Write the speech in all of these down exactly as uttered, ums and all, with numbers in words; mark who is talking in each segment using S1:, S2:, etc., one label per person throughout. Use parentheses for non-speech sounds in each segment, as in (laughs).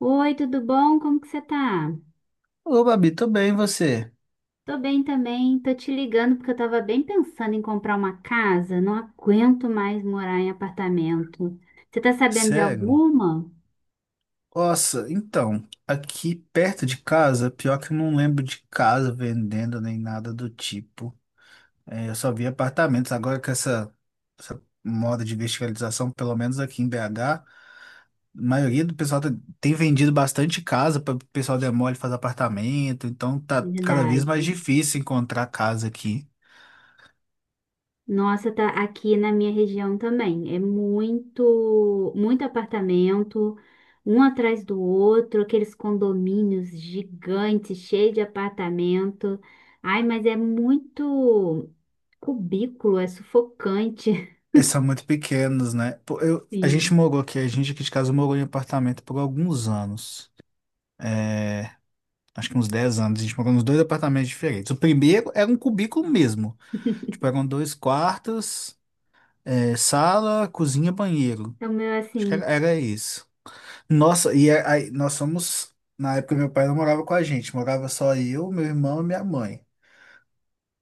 S1: Oi, tudo bom? Como que você tá?
S2: Ô, Babi, tô bem, e você?
S1: Tô bem também, tô te ligando porque eu tava bem pensando em comprar uma casa, não aguento mais morar em apartamento. Você tá sabendo de
S2: Sério?
S1: alguma?
S2: Nossa, então, aqui perto de casa, pior que eu não lembro de casa vendendo nem nada do tipo. É, eu só vi apartamentos. Agora com essa, essa moda de verticalização, pelo menos aqui em B H, a maioria do pessoal tá- tem vendido bastante casa para o pessoal demole fazer apartamento. Então tá cada vez mais
S1: Verdade.
S2: difícil encontrar casa aqui.
S1: Nossa, tá aqui na minha região também. É muito, muito apartamento, um atrás do outro, aqueles condomínios gigantes, cheios de apartamento. Ai, mas é muito cubículo, é sufocante.
S2: E são muito pequenos, né? Pô, Eu,
S1: (laughs)
S2: a gente
S1: Sim.
S2: morou aqui, a gente aqui de casa morou em apartamento por alguns anos. Acho que uns dez anos, a gente morou nos dois apartamentos diferentes. O primeiro era um cubículo mesmo. Tipo, eram dois quartos, eh, sala, cozinha, banheiro.
S1: O meu, é
S2: Acho que era,
S1: assim,
S2: era isso. Nossa, e a- aí nós somos. Na época, meu pai não morava com a gente, morava só eu, meu irmão e minha mãe.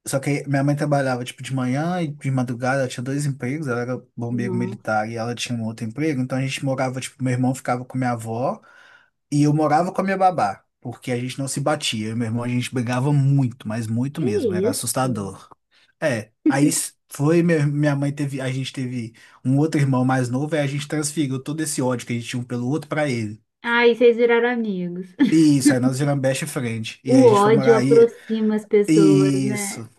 S2: Só que minha mãe trabalhava, tipo, de manhã e de madrugada, ela tinha dois empregos, ela era bombeiro
S1: nossa,
S2: militar e ela tinha um outro emprego, então a gente morava, tipo, meu irmão ficava com minha avó. E eu morava com a minha babá, porque a gente não se batia. Eu e meu irmão, a gente brigava muito, mas muito
S1: que
S2: mesmo, era
S1: isso?
S2: assustador. É, aí s- foi, meu- Minha mãe teve, a gente teve um outro irmão mais novo, aí a gente transferiu todo esse ódio que a gente tinha um pelo outro pra ele.
S1: Ai, vocês viraram amigos. (laughs)
S2: E isso, aí nós viramos best friend. E aí
S1: O
S2: a gente foi
S1: ódio
S2: morar aí.
S1: aproxima as pessoas, né?
S2: Isso.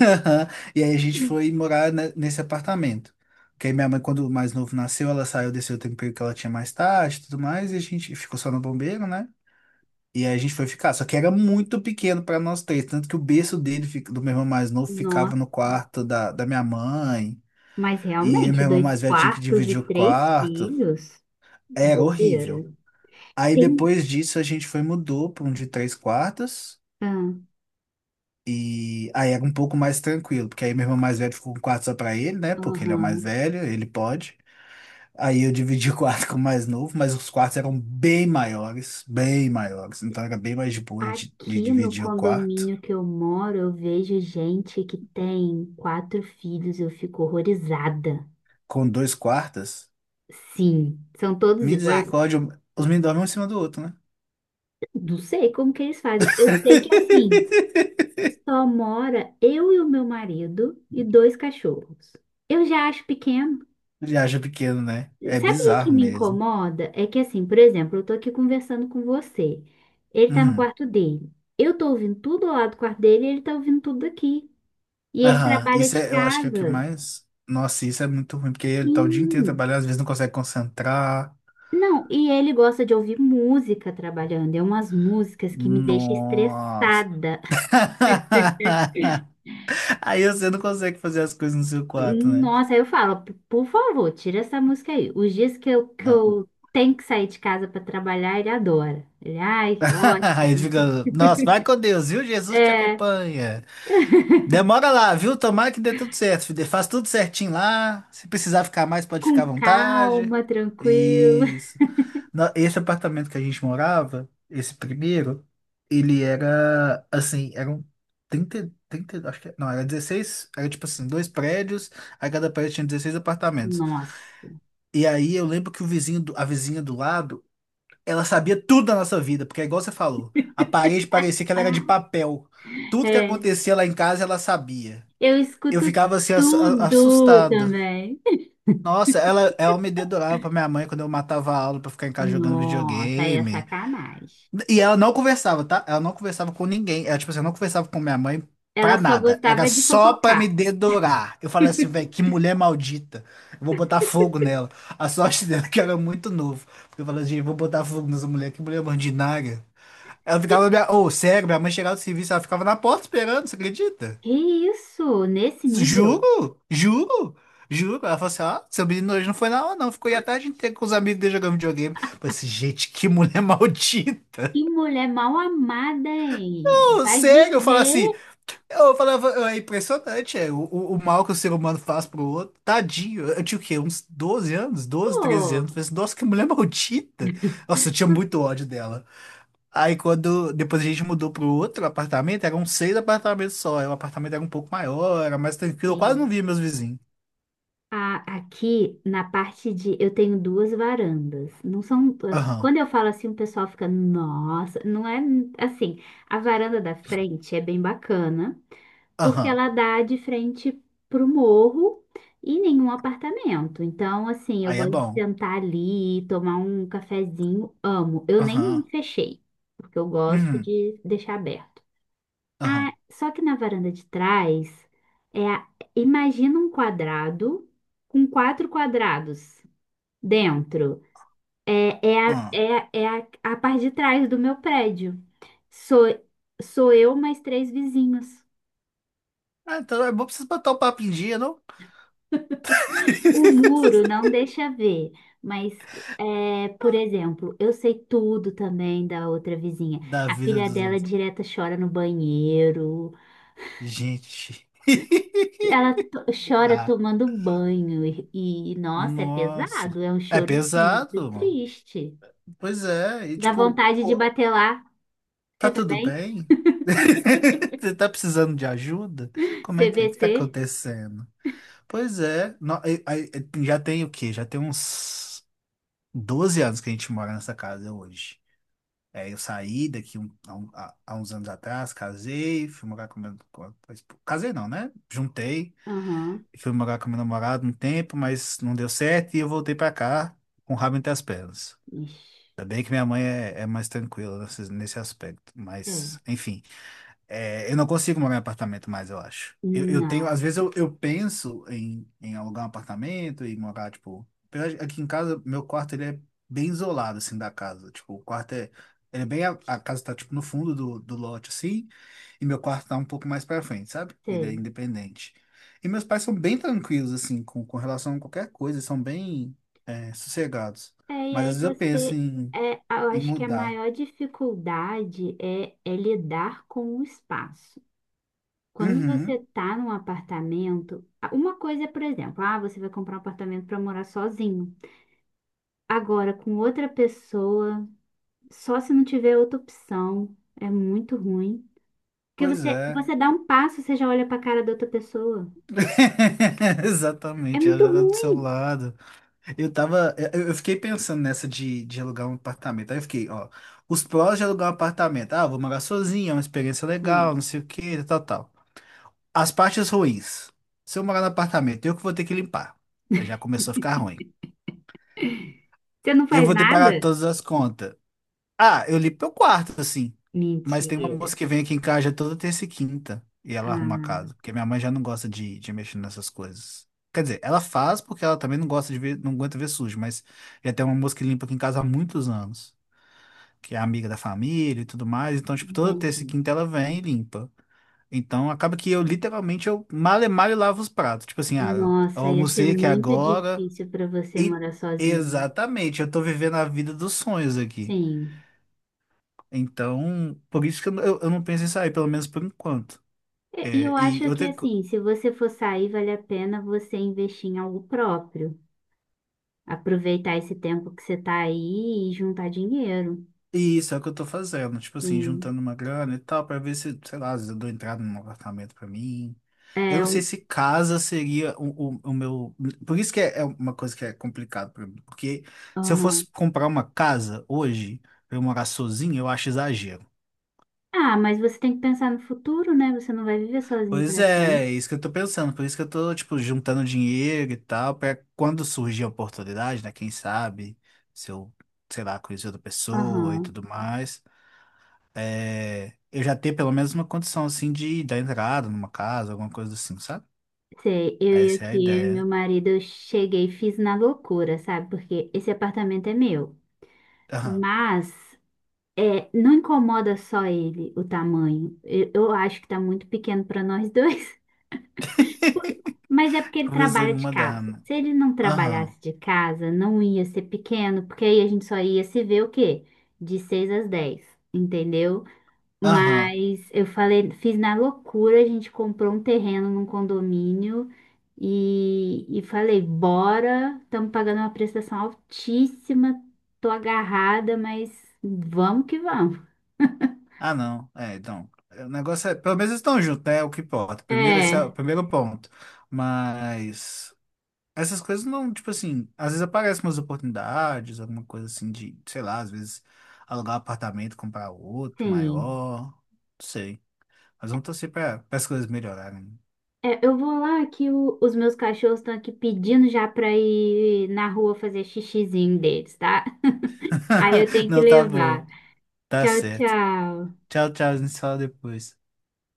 S2: (laughs) Aham. E aí a gente foi morar ne- nesse apartamento. Porque aí minha mãe, quando o mais novo nasceu, ela saiu desse outro emprego que ela tinha mais tarde e tudo mais, e a gente ficou só no bombeiro, né? E aí a gente foi ficar, só que era muito pequeno para nós três, tanto que o berço dele, fica- do meu irmão mais novo, ficava
S1: Nossa,
S2: no quarto da, da minha mãe,
S1: mas
S2: e
S1: realmente,
S2: meu irmão
S1: dois
S2: mais velho tinha que
S1: quartos
S2: dividir
S1: e
S2: o
S1: três
S2: quarto,
S1: filhos?
S2: era horrível.
S1: Doideira.
S2: Aí
S1: Tem.
S2: depois disso a gente foi mudou para um de três quartos,
S1: Ah,
S2: e aí era um pouco mais tranquilo, porque aí meu irmão mais velho ficou com um quarto só para ele, né, porque ele é o mais
S1: aham.
S2: velho, ele pode. Aí eu dividi o quarto (laughs) com o mais novo, mas os quartos eram bem maiores, bem maiores, então era bem mais de boa de de
S1: Aqui no
S2: dividir o quarto.
S1: condomínio que eu moro, eu vejo gente que tem quatro filhos, eu fico horrorizada.
S2: Com dois quartas?
S1: Sim, são todos iguais.
S2: Misericórdia, os meninos dormem um em cima do outro, né?
S1: Não sei como que eles fazem. Eu sei que assim.
S2: (laughs)
S1: Só mora eu e o meu marido e dois cachorros. Eu já acho pequeno.
S2: Ele acha pequeno, né? É
S1: Sabe o que
S2: bizarro
S1: me
S2: mesmo.
S1: incomoda? É que assim, por exemplo, eu tô aqui conversando com você. Ele tá no
S2: Uhum.
S1: quarto dele. Eu tô ouvindo tudo lá do quarto dele e ele tá ouvindo tudo aqui. E ele
S2: Aham.
S1: trabalha
S2: Isso
S1: de
S2: é, eu acho que é o que
S1: casa.
S2: mais. Nossa, isso é muito ruim, porque ele tá o dia inteiro
S1: Sim.
S2: trabalhando, às vezes não consegue concentrar.
S1: Não, e ele gosta de ouvir música trabalhando. É umas músicas que me deixam
S2: Nossa.
S1: estressada. (laughs)
S2: (laughs) Aí você não consegue fazer as coisas no seu quarto, né?
S1: Nossa, aí eu falo, "P- por favor, tira essa música aí. Os dias que eu, que
S2: Não.
S1: eu tenho que sair de casa para trabalhar, ele adora. Ele, ai,
S2: (laughs) Aí ele
S1: ótimo.
S2: fica, nossa, vai com Deus, viu? Jesus te
S1: É,
S2: acompanha. Demora lá, viu? Tomara que dê tudo certo, filho. Faz tudo certinho lá. Se precisar ficar mais, pode ficar à
S1: com
S2: vontade.
S1: calma, tranquilo. (laughs)
S2: Isso. Na- Esse apartamento que a gente morava, esse primeiro, ele era assim, eram trinta trinta acho que, não, era dezesseis, era tipo assim, dois prédios, a cada prédio tinha dezesseis apartamentos.
S1: Nossa.
S2: E aí eu lembro que o vizinho, do- a vizinha do lado, ela sabia tudo da nossa vida, porque é igual você falou, a parede parecia que ela era de
S1: Ah,
S2: papel. Tudo que
S1: é,
S2: acontecia lá em casa, ela sabia.
S1: eu
S2: Eu
S1: escuto
S2: ficava assim ass- a-
S1: tudo
S2: assustado.
S1: também.
S2: Nossa, ela, ela me dedurava pra minha mãe quando eu matava a aula pra ficar em casa jogando
S1: Nossa, aí é
S2: videogame.
S1: sacanagem.
S2: E ela não conversava, tá? Ela não conversava com ninguém. Ela, tipo assim, eu não conversava com minha mãe
S1: Ela
S2: pra
S1: só
S2: nada. Era
S1: gostava de
S2: só pra
S1: fofocar.
S2: me dedurar. Eu falei assim, velho, que mulher maldita. Eu vou botar fogo nela. A sorte (laughs) dela é que eu era muito novo. Porque eu falei assim, vou botar fogo nessa mulher, que mulher ordinária. Ela
S1: E-
S2: ficava, minha... oh, sério, minha mãe chegava do serviço, ela ficava na porta esperando, você acredita?
S1: Que isso? Nesse nível?
S2: Juro, juro, juro. Ela falou assim: ó, seu menino hoje não foi na aula, não. Ficou aí a tarde inteira com os amigos dele jogando videogame. Eu falei assim, gente, que mulher (laughs) maldita.
S1: Que mulher mal amada, hein?
S2: Pô,
S1: Vai
S2: sério, eu falo assim,
S1: viver,
S2: eu falava, é impressionante, é, o, o, o mal que o ser humano faz pro outro. Tadinho, eu tinha o quê? Uns doze anos, doze, treze anos.
S1: pô.
S2: Eu falei assim, nossa, que mulher maldita. Nossa, eu tinha muito ódio dela. Aí quando depois a gente mudou pro outro apartamento, eram seis apartamentos só. Aí o apartamento era um pouco maior, era mais tranquilo, eu quase não
S1: Sim.
S2: via meus vizinhos.
S1: A- Aqui na parte de eu tenho duas varandas. Não são, ah,
S2: Aham,
S1: quando eu falo assim, o pessoal fica, nossa, não é assim. A varanda da frente é bem bacana, porque
S2: aham.
S1: ela dá de frente pro morro e nenhum apartamento. Então, assim, eu
S2: Aí é
S1: gosto de
S2: bom.
S1: sentar ali, tomar um cafezinho, amo. Eu nem
S2: Aham.
S1: fechei, porque eu gosto
S2: Uhum.
S1: de deixar aberto. Ah,
S2: Aham.
S1: só que na varanda de trás, é, a- imagina um quadrado com quatro quadrados dentro. É, é, a,
S2: Aham.
S1: é, a- é a, a parte de trás do meu prédio. Sou, sou eu mais três vizinhos.
S2: Ah, então é bom pra vocês botar o papo em dia, não?
S1: O
S2: (laughs)
S1: muro não deixa ver, mas, é, por exemplo, eu sei tudo também da outra vizinha.
S2: Da
S1: A
S2: vida
S1: filha
S2: dos
S1: dela
S2: outros.
S1: direta chora no banheiro.
S2: Gente. (laughs)
S1: Ela to- chora
S2: Tá.
S1: tomando banho e, e, nossa, é
S2: Nossa.
S1: pesado, é um
S2: É
S1: choro assim, muito
S2: pesado, mano.
S1: triste.
S2: Pois é. E
S1: Dá
S2: tipo,
S1: vontade de
S2: pô,
S1: bater lá.
S2: tá
S1: Você tá
S2: tudo
S1: bem?
S2: bem? (laughs) Você tá precisando de ajuda? Como é que é? O que tá
S1: C V C?
S2: acontecendo? Pois é. No- aí- aí- já tem o quê? Já tem uns doze anos que a gente mora nessa casa hoje. É, eu saí daqui um- há, um- há- há uns anos atrás, casei, fui morar com meu... com a- casei não, né? Juntei,
S1: Aham.
S2: fui morar com meu namorado um tempo, mas não deu certo e eu voltei pra cá com o rabo entre as pernas.
S1: Ixi,
S2: Ainda bem que minha mãe é, é mais tranquila nesse, nesse aspecto, mas
S1: é.
S2: enfim. É, eu não consigo morar em apartamento mais, eu acho. Eu, eu tenho, às
S1: Não,
S2: vezes eu, eu penso em, em alugar um apartamento e morar, tipo. apesar de- Aqui em casa, meu quarto ele é bem isolado, assim, da casa. Tipo, o quarto é. Ele é bem. A, a casa tá, tipo, no fundo do, do lote, assim. E meu quarto tá um pouco mais pra frente, sabe? Ele é
S1: sei.
S2: independente. E meus pais são bem tranquilos, assim, com, com relação a qualquer coisa. São bem, é, sossegados.
S1: É, e
S2: Mas
S1: aí
S2: às vezes eu penso
S1: você,
S2: em,
S1: é, eu
S2: em
S1: acho que a
S2: mudar.
S1: maior dificuldade é, é lidar com o espaço. Quando você
S2: Uhum,
S1: tá num apartamento, a- uma coisa é, por exemplo, ah, você vai comprar um apartamento para morar sozinho. Agora, com outra pessoa. Só se não tiver outra opção. É muito ruim. Porque
S2: pois
S1: você,
S2: é.
S1: você dá um passo, você já olha pra cara da outra pessoa.
S2: (laughs)
S1: É
S2: Exatamente, ela
S1: muito
S2: já tá do seu
S1: ruim.
S2: lado. Eu tava, eu eu fiquei pensando nessa de, de alugar um apartamento. Aí eu fiquei, ó, os prós de alugar um apartamento. Ah, vou morar sozinho, é uma experiência legal, não
S1: Sim.
S2: sei o que tal, tal. As partes ruins. Se eu morar no apartamento, eu que vou ter que limpar. Aí já começou a ficar ruim.
S1: Você não
S2: Eu
S1: faz
S2: vou ter que pagar
S1: nada?
S2: todas as contas. Ah, eu li pro quarto, assim. Mas tem uma
S1: Mentira.
S2: moça que vem aqui em casa já toda terça e quinta e ela arruma a
S1: Ah,
S2: casa, porque minha mãe já não gosta de, de mexer nessas coisas. Quer dizer, ela faz porque ela também não gosta de ver, não aguenta ver sujo, mas já tem uma moça que limpa aqui em casa há muitos anos, que é amiga da família e tudo mais. Então, tipo, toda terça e
S1: entendi.
S2: quinta ela vem e limpa. Então, acaba que eu literalmente eu mal e mal lavo os pratos. Tipo assim, ah, eu
S1: Nossa, ia ser
S2: almocei aqui
S1: muito
S2: agora
S1: difícil pra você
S2: e
S1: morar sozinho.
S2: exatamente, eu tô vivendo a vida dos sonhos aqui.
S1: Sim.
S2: Então, por isso que eu, eu eu não penso em sair, pelo menos por enquanto.
S1: E e eu
S2: É, e
S1: acho que
S2: outra, co-
S1: assim, se você for sair, vale a pena você investir em algo próprio. Aproveitar esse tempo que você tá aí e juntar dinheiro.
S2: e isso é o que eu tô fazendo, tipo assim,
S1: Sim.
S2: juntando uma grana e tal, pra ver se, sei lá, às vezes eu dou entrada num apartamento pra mim. Eu
S1: É,
S2: não sei
S1: um-
S2: se casa seria o, o, o meu. Por isso que é, é uma coisa que é complicado pra mim. Porque se eu
S1: aham.
S2: fosse comprar uma casa hoje, pra eu morar sozinho, eu acho exagero.
S1: Ah, mas você tem que pensar no futuro, né? Você não vai viver sozinho
S2: Pois
S1: para sempre.
S2: é, isso que eu tô pensando. Por isso que eu tô, tipo, juntando dinheiro e tal, pra quando surgir a oportunidade, né? Quem sabe, se eu, sei lá, conhecer outra pessoa e
S1: Aham.
S2: tudo mais, é, eu já ter pelo menos uma condição, assim, de dar entrada numa casa, alguma coisa assim, sabe?
S1: Sei, eu e
S2: Essa é a
S1: aqui, eu e meu
S2: ideia.
S1: marido, eu cheguei, e fiz na loucura, sabe? Porque esse apartamento é meu.
S2: Aham.
S1: Mas é, não incomoda só ele o tamanho. Eu, eu acho que tá muito pequeno para nós dois. (laughs) Mas é
S2: (laughs)
S1: porque ele
S2: Começou a
S1: trabalha
S2: me
S1: de
S2: mandar,
S1: casa.
S2: né?
S1: Se ele não
S2: Aham.
S1: trabalhasse de casa, não ia ser pequeno, porque aí a gente só ia se ver o quê? De seis às dez, entendeu?
S2: Aham.
S1: Mas eu falei, fiz na loucura, a gente comprou um terreno num condomínio e, e falei, bora, estamos pagando uma prestação altíssima, tô agarrada, mas vamos que vamos.
S2: Ah, não. É, então. é, O negócio é. Pelo menos eles estão juntos, né? É o que importa. Primeiro, esse é o
S1: É,
S2: primeiro ponto. Mas. Essas coisas não, tipo assim, às vezes aparecem umas oportunidades, alguma coisa assim de, sei lá, às vezes alugar um apartamento, comprar outro
S1: sim.
S2: maior, não sei. Mas vamos torcer para as coisas melhorarem.
S1: É, eu vou lá que o- os meus cachorros estão aqui pedindo já pra ir na rua fazer xixizinho deles, tá? Aí eu
S2: (laughs)
S1: tenho que
S2: Não tá
S1: levar.
S2: boa, tá
S1: Tchau,
S2: certo.
S1: tchau.
S2: Tchau, tchau, a gente se fala depois.